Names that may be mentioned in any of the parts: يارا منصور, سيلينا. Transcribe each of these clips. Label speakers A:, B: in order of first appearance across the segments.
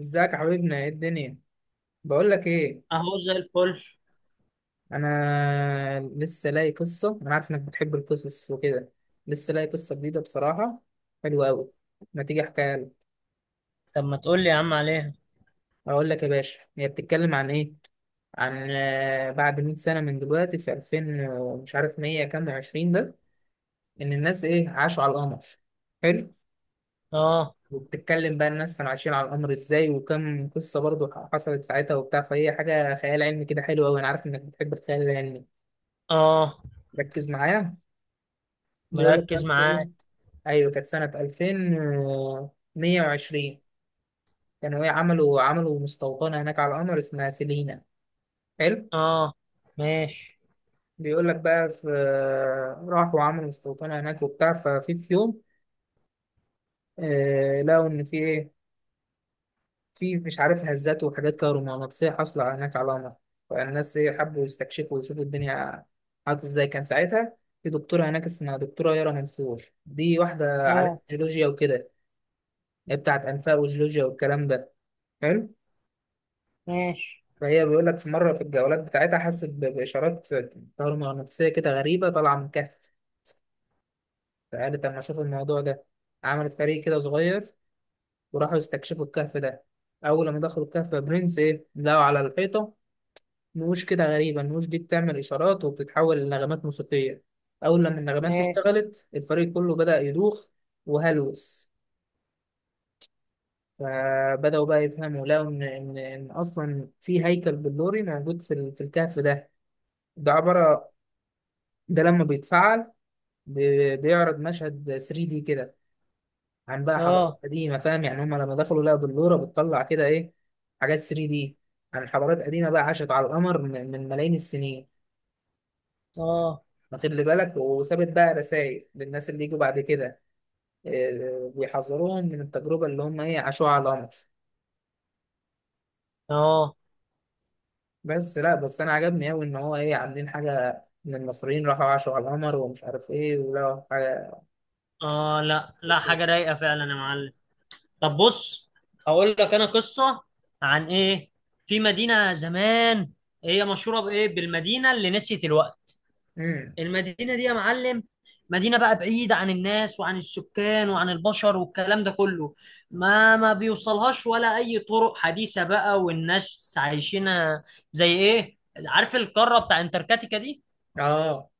A: ازيك يا حبيبنا، ايه الدنيا؟ بقول لك ايه،
B: اهو زي الفل.
A: انا لسه لاقي قصه. انا عارف انك بتحب القصص وكده. لسه لاقي قصه جديده بصراحه، حلوه قوي. ما تيجي احكيها لك؟
B: طب ما تقول لي يا عم عليها.
A: اقول لك يا باشا، هي بتتكلم عن ايه. عن بعد 100 سنه من دلوقتي، في 2000 مش عارف 100 كام و20 ده، ان الناس ايه، عاشوا على القمر. حلو.
B: اه.
A: وبتتكلم بقى الناس كانوا عايشين على القمر ازاي، وكم قصه برضو حصلت ساعتها وبتاع، فهي حاجه خيال علمي كده، حلو قوي. انا عارف انك بتحب الخيال العلمي.
B: اه.
A: ركز معايا. بيقول لك
B: مركز
A: بقى في ايه.
B: معاك.
A: ايوه، كانت سنه 2120. كانوا ايه، عملوا مستوطنه هناك على القمر اسمها سيلينا. حلو.
B: اه، ماشي.
A: بيقول لك بقى في، راحوا عملوا مستوطنه هناك وبتاع. ففي يوم، لقوا ان في ايه، في مش عارف هزات وحاجات كهرومغناطيسيه حاصله هناك على القمر. فالناس ايه، حبوا يستكشفوا ويشوفوا الدنيا عادت ازاي كان ساعتها. في دكتوره هناك اسمها دكتوره يارا منصور، دي واحده على
B: اه،
A: جيولوجيا وكده. هي بتاعت انفاق وجيولوجيا والكلام ده. حلو.
B: ماشي.
A: فهي بيقول لك في مرة في الجولات بتاعتها، حست بإشارات مغناطيسية كده غريبة طالعة من كهف. فقالت أما أشوف الموضوع ده. عملت فريق كده صغير، وراحوا يستكشفوا الكهف ده. أول ما دخلوا الكهف يا برنس، إيه لقوا على الحيطة؟ نقوش كده غريبة. النقوش دي بتعمل إشارات وبتتحول لنغمات موسيقية. أول لما النغمات دي
B: ماشي.
A: اشتغلت، الفريق كله بدأ يدوخ وهلوس. فبدأوا بقى يفهموا، لقوا إن أصلا في هيكل بلوري موجود في الكهف ده. ده عبارة، ده لما بيتفعل بيعرض مشهد 3 دي كده، عن بقى
B: اه.
A: حضارات قديمه، فاهم؟ يعني هم لما دخلوا لقوا بلوره بتطلع كده ايه، حاجات 3 دي عن حضارات قديمه بقى عاشت على القمر من ملايين السنين.
B: اه.
A: واخد لي بالك، وسابت بقى رسائل للناس اللي يجوا بعد كده، إيه، بيحذروهم من التجربه اللي هم ايه عاشوها على القمر.
B: اه.
A: بس لا، بس انا عجبني قوي ان هو ايه، عاملين حاجه ان المصريين راحوا عاشوا على القمر ومش عارف ايه، ولقوا حاجه.
B: اه. لا، لا، حاجة رايقة فعلا يا معلم. طب بص، هقول لك انا قصة عن ايه. في مدينة زمان، هي مشهورة بايه؟ بالمدينة اللي نسيت الوقت.
A: امم.
B: المدينة دي يا معلم، مدينة بقى بعيدة عن الناس وعن السكان وعن البشر والكلام ده كله. ما بيوصلهاش ولا أي طرق حديثة بقى، والناس عايشينها زي إيه؟ عارف القارة بتاع انتركتيكا دي؟
A: اه.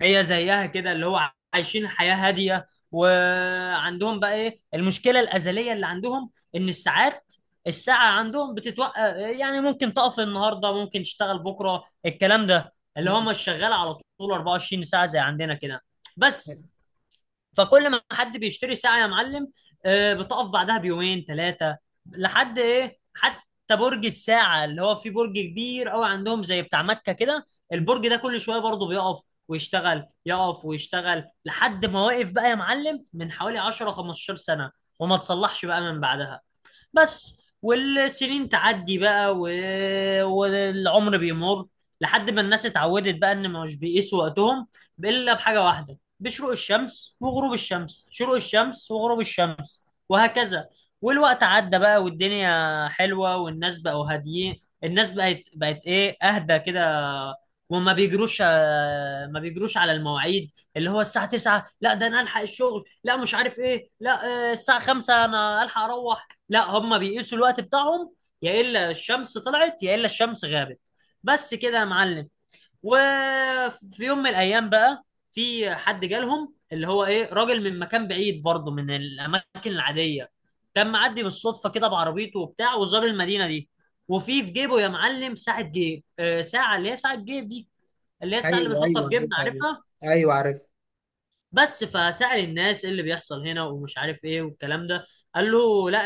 B: هي زيها كده، اللي هو عايشين حياة هادية، وعندهم بقى ايه المشكلة الأزلية اللي عندهم؟ إن الساعة عندهم بتتوقف. يعني ممكن تقف النهاردة، ممكن تشتغل بكرة. الكلام ده اللي هم الشغال على طول 24 ساعة زي عندنا كده، بس. فكل ما حد بيشتري ساعة يا معلم، بتقف بعدها بيومين ثلاثة. لحد ايه؟ حتى برج الساعة، اللي هو فيه برج كبير قوي عندهم زي بتاع مكة كده، البرج ده كل شوية برضه بيقف ويشتغل، يقف ويشتغل، لحد ما واقف بقى يا معلم من حوالي 10 15 سنة، وما تصلحش بقى من بعدها، بس. والسنين تعدي بقى و... والعمر بيمر. لحد ما الناس اتعودت بقى ان مش بيقيسوا وقتهم الا بحاجه واحده، بشروق الشمس وغروب الشمس، شروق الشمس وغروب الشمس، وهكذا. والوقت عدى بقى، والدنيا حلوه، والناس بقوا هاديين. الناس بقت ايه؟ اهدى كده. وما بيجروش آه، ما بيجروش على المواعيد. اللي هو الساعه 9 لا، ده انا الحق الشغل، لا مش عارف ايه، لا الساعه 5 انا الحق اروح، لا. هم بيقيسوا الوقت بتاعهم يا الا الشمس طلعت، يا الا الشمس غابت، بس كده يا معلم. وفي يوم من الايام بقى، في حد جالهم اللي هو ايه؟ راجل من مكان بعيد برضه، من الاماكن العاديه. كان معدي بالصدفه كده بعربيته وبتاع، وزار المدينه دي. وفي في جيبه يا معلم ساعه جيب، ساعه، اللي هي ساعه جيب دي، اللي هي الساعه اللي
A: ايوه،
B: بنحطها
A: ايوه،
B: في جيبنا،
A: عرفتها دي.
B: عارفها؟
A: ايوه عارف.
B: بس. فسأل الناس، ايه اللي بيحصل هنا ومش عارف ايه والكلام ده؟ قال له لا،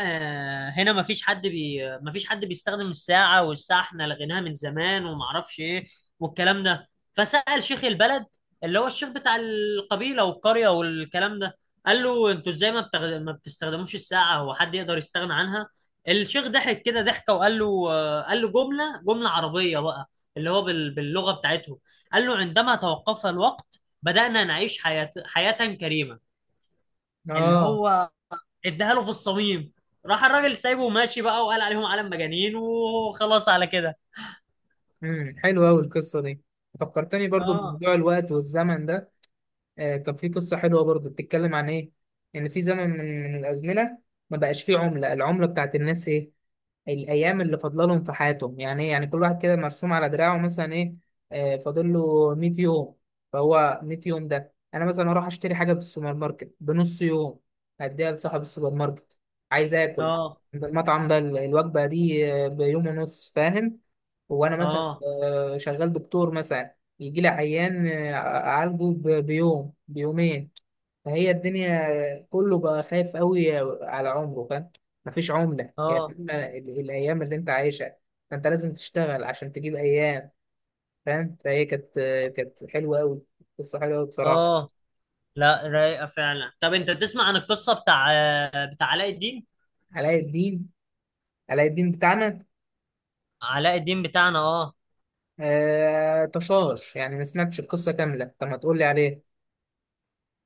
B: هنا مفيش حد بيستخدم الساعة، والساعة احنا لغيناها من زمان، ومعرفش ايه والكلام ده. فسأل شيخ البلد، اللي هو الشيخ بتاع القبيلة والقرية والكلام ده، قال له: انتوا ازاي ما بتستخدموش الساعة؟ هو حد يقدر يستغنى عنها؟ الشيخ ضحك كده ضحكة وقال له، قال له جملة عربية بقى، اللي هو باللغة بتاعتهم، قال له: عندما توقف الوقت، بدأنا نعيش حياة كريمة. اللي
A: اه.
B: هو اداها له في الصميم. راح الراجل سايبه وماشي بقى، وقال عليهم عالم مجانين، وخلاص على كده.
A: حلوه قوي القصه دي. فكرتني برضو
B: اه.
A: بموضوع الوقت والزمن ده. كان في قصه حلوه برضو بتتكلم عن ايه. ان في زمن من الازمنه ما بقاش فيه عمله، العمله بتاعت الناس ايه، الايام اللي فاضله لهم في حياتهم. يعني ايه، يعني كل واحد كده مرسوم على دراعه مثلا ايه، فاضل له 100 يوم. فهو 100 يوم ده، انا مثلا اروح اشتري حاجه في السوبر ماركت بنص يوم، هديها لصاحب السوبر ماركت. عايز اكل
B: اه.
A: المطعم ده، الوجبه دي بيوم ونص، فاهم؟ هو انا مثلا
B: اه.
A: شغال دكتور مثلا، بيجي لي عيان اعالجه بيوم بيومين. فهي الدنيا كله بقى خايف قوي على عمره، فاهم. مفيش عملة، يعني
B: اه.
A: إما الايام اللي انت عايشها، فانت لازم تشتغل عشان تجيب ايام، فاهم. فهي كانت كانت حلوة قوي. قصة حلوة قوي بصراحة.
B: اه، لا، رايقة فعلا. طب انت تسمع عن القصة بتاع علاء الدين؟
A: علاء الدين؟ علاء الدين بتاعنا.
B: علاء الدين بتاعنا، اه.
A: تشاش، يعني ما سمعتش القصة كاملة، طب ما تقول لي عليه.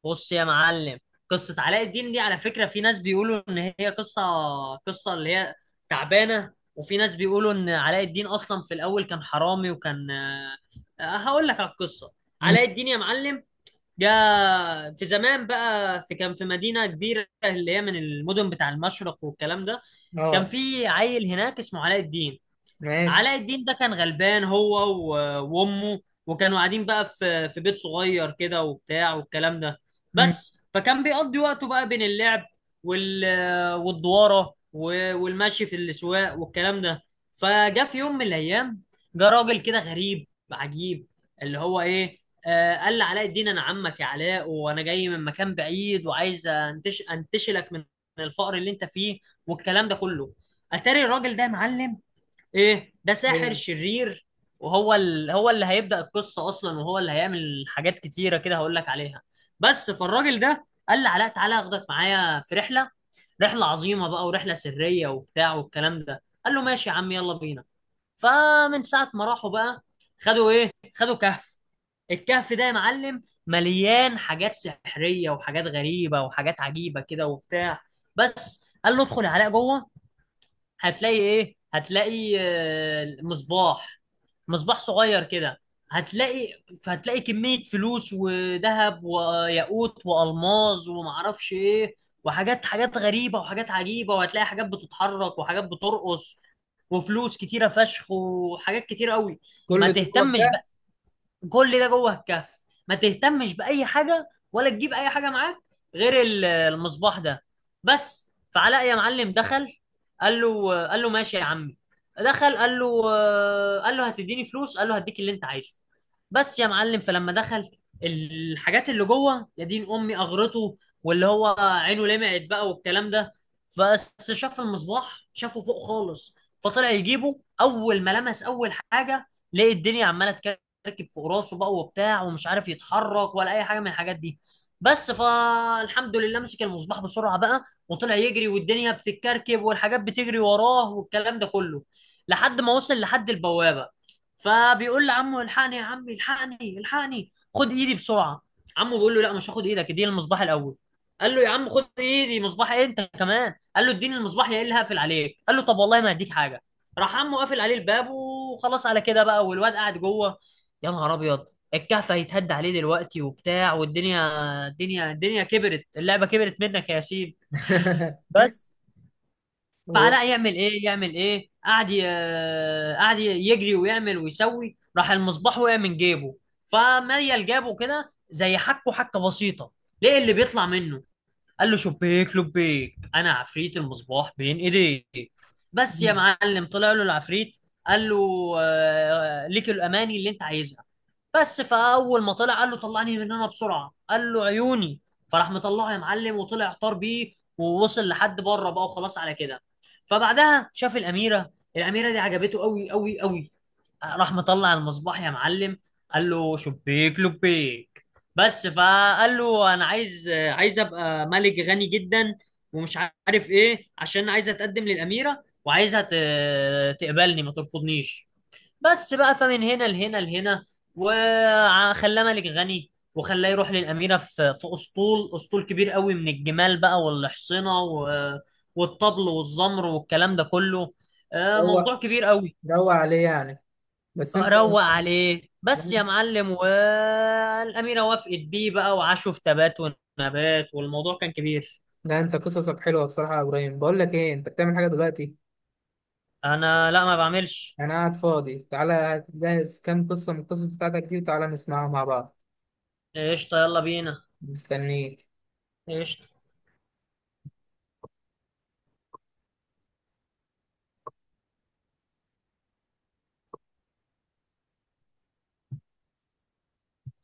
B: بص يا معلم، قصة علاء الدين دي على فكرة في ناس بيقولوا إن هي قصة، قصة اللي هي تعبانة، وفي ناس بيقولوا إن علاء الدين أصلا في الأول كان حرامي، وكان آه، آه، هقول لك على القصة.
A: مم.
B: علاء الدين يا معلم، جاء في زمان بقى، كان في مدينة كبيرة اللي هي من المدن بتاع المشرق والكلام ده. كان
A: اه.
B: في عيل هناك اسمه علاء الدين.
A: ماشي.
B: علاء الدين ده كان غلبان هو وامه، وكانوا قاعدين بقى في بيت صغير كده وبتاع والكلام ده،
A: مم.
B: بس. فكان بيقضي وقته بقى بين اللعب، وال والدواره، والمشي في الاسواق والكلام ده. فجاء في يوم من الايام، جه راجل كده غريب عجيب، اللي هو ايه، آه، قال لعلاء الدين: انا عمك يا علاء، وانا جاي من مكان بعيد، وعايز انتشلك من الفقر اللي انت فيه والكلام ده كله. اتاري الراجل ده يا معلم ايه؟ ده ساحر
A: ايه،
B: شرير، وهو هو اللي هيبدأ القصة اصلا، وهو اللي هيعمل حاجات كتيرة كده، هقول لك عليها. بس. فالراجل ده قال لي علاء: تعالى اخدك معايا في رحلة، رحلة عظيمة بقى، ورحلة سرية وبتاع والكلام ده. قال له: ماشي يا عم، يلا بينا. فمن ساعة ما راحوا بقى، خدوا ايه، خدوا كهف. الكهف ده يا معلم مليان حاجات سحرية، وحاجات غريبة، وحاجات عجيبة كده وبتاع، بس. قال له: ادخل يا علاء جوه، هتلاقي ايه، هتلاقي مصباح، مصباح صغير كده. هتلاقي، هتلاقي كمية فلوس وذهب وياقوت والماظ ومعرفش ايه، وحاجات، حاجات غريبة وحاجات عجيبة، وهتلاقي حاجات بتتحرك، وحاجات بترقص، وفلوس كتيرة فشخ، وحاجات كتيرة قوي. ما
A: كل ده جوه
B: تهتمش،
A: بتاع؟
B: كل ده جوه الكهف، ما تهتمش بأي حاجة، ولا تجيب أي حاجة معاك غير المصباح ده، بس. فعلاء يا معلم دخل، قال له: ماشي يا عمي. دخل، قال له، قال له: هتديني فلوس؟ قال له: هديك اللي انت عايزه، بس. يا معلم، فلما دخل، الحاجات اللي جوه، يا دين امي، اغرته، واللي هو عينه لمعت بقى والكلام ده. بس شاف المصباح، شافه فوق خالص. فطلع يجيبه، اول ما لمس اول حاجه، لقى الدنيا عماله تكلم، مركب فوق راسه بقى وبتاع، ومش عارف يتحرك ولا اي حاجه من الحاجات دي، بس. فالحمد لله مسك المصباح بسرعه بقى، وطلع يجري، والدنيا بتتكركب، والحاجات بتجري وراه والكلام ده كله، لحد ما وصل لحد البوابه. فبيقول لعمه: الحقني يا عمي، الحقني، الحقني، خد ايدي بسرعه. عمه بيقول له: لا، مش هاخد ايدك، اديني المصباح الاول. قال له: يا عم خد ايدي، مصباح ايه انت كمان؟ قال له: اديني المصباح يا اللي هقفل عليك. قال له: طب والله ما هديك حاجه. راح عمه قافل عليه الباب، وخلاص على كده بقى، والواد قاعد جوه. يا نهار ابيض، الكهف هيتهد عليه دلوقتي وبتاع والدنيا، الدنيا، الدنيا كبرت، اللعبه كبرت منك يا ياسين، بس.
A: هو.
B: فعلاء يعمل ايه، يعمل ايه؟ قعد يجري ويعمل ويسوي. راح المصباح وقع من جيبه، فميل جابه كده زي حكه بسيطه، ليه اللي بيطلع منه؟ قال له: شبيك لبيك، انا عفريت المصباح بين ايديك. بس يا
A: مم.
B: معلم، طلع له العفريت، قال له، ليك الاماني اللي انت عايزها. بس فاول ما طلع، قال له: طلعني من هنا بسرعه. قال له: عيوني. فراح مطلعه يا معلم، وطلع طار بيه، ووصل لحد بره بقى، وخلاص على كده. فبعدها شاف الاميره. الاميره دي عجبته قوي قوي قوي. راح مطلع المصباح يا معلم، قال له: شبيك لبيك، بس. فقال له: انا عايز، ابقى ملك غني جدا، ومش عارف ايه، عشان عايز اتقدم للاميره، وعايزها تقبلني، ما ترفضنيش، بس بقى. فمن هنا لهنا، وخلاه ملك غني، وخلاه يروح للأميرة في أسطول، كبير قوي، من الجمال بقى والحصنة والطبل والزمر والكلام ده كله،
A: روق،
B: موضوع كبير قوي.
A: روق عليه يعني. بس انت...
B: روق عليه،
A: لا،
B: بس يا معلم، والأميرة وافقت بيه بقى، وعاشوا في تبات ونبات، والموضوع كان كبير.
A: لا، انت قصصك حلوه بصراحه يا ابراهيم. بقول لك ايه، انت بتعمل حاجه دلوقتي؟
B: أنا لا، ما بعملش.
A: انا قاعد فاضي. تعالى جهز كام قصه من القصص بتاعتك دي، وتعالى نسمعها مع بعض.
B: قشطة، يلا بينا.
A: مستنيك.
B: قشطة.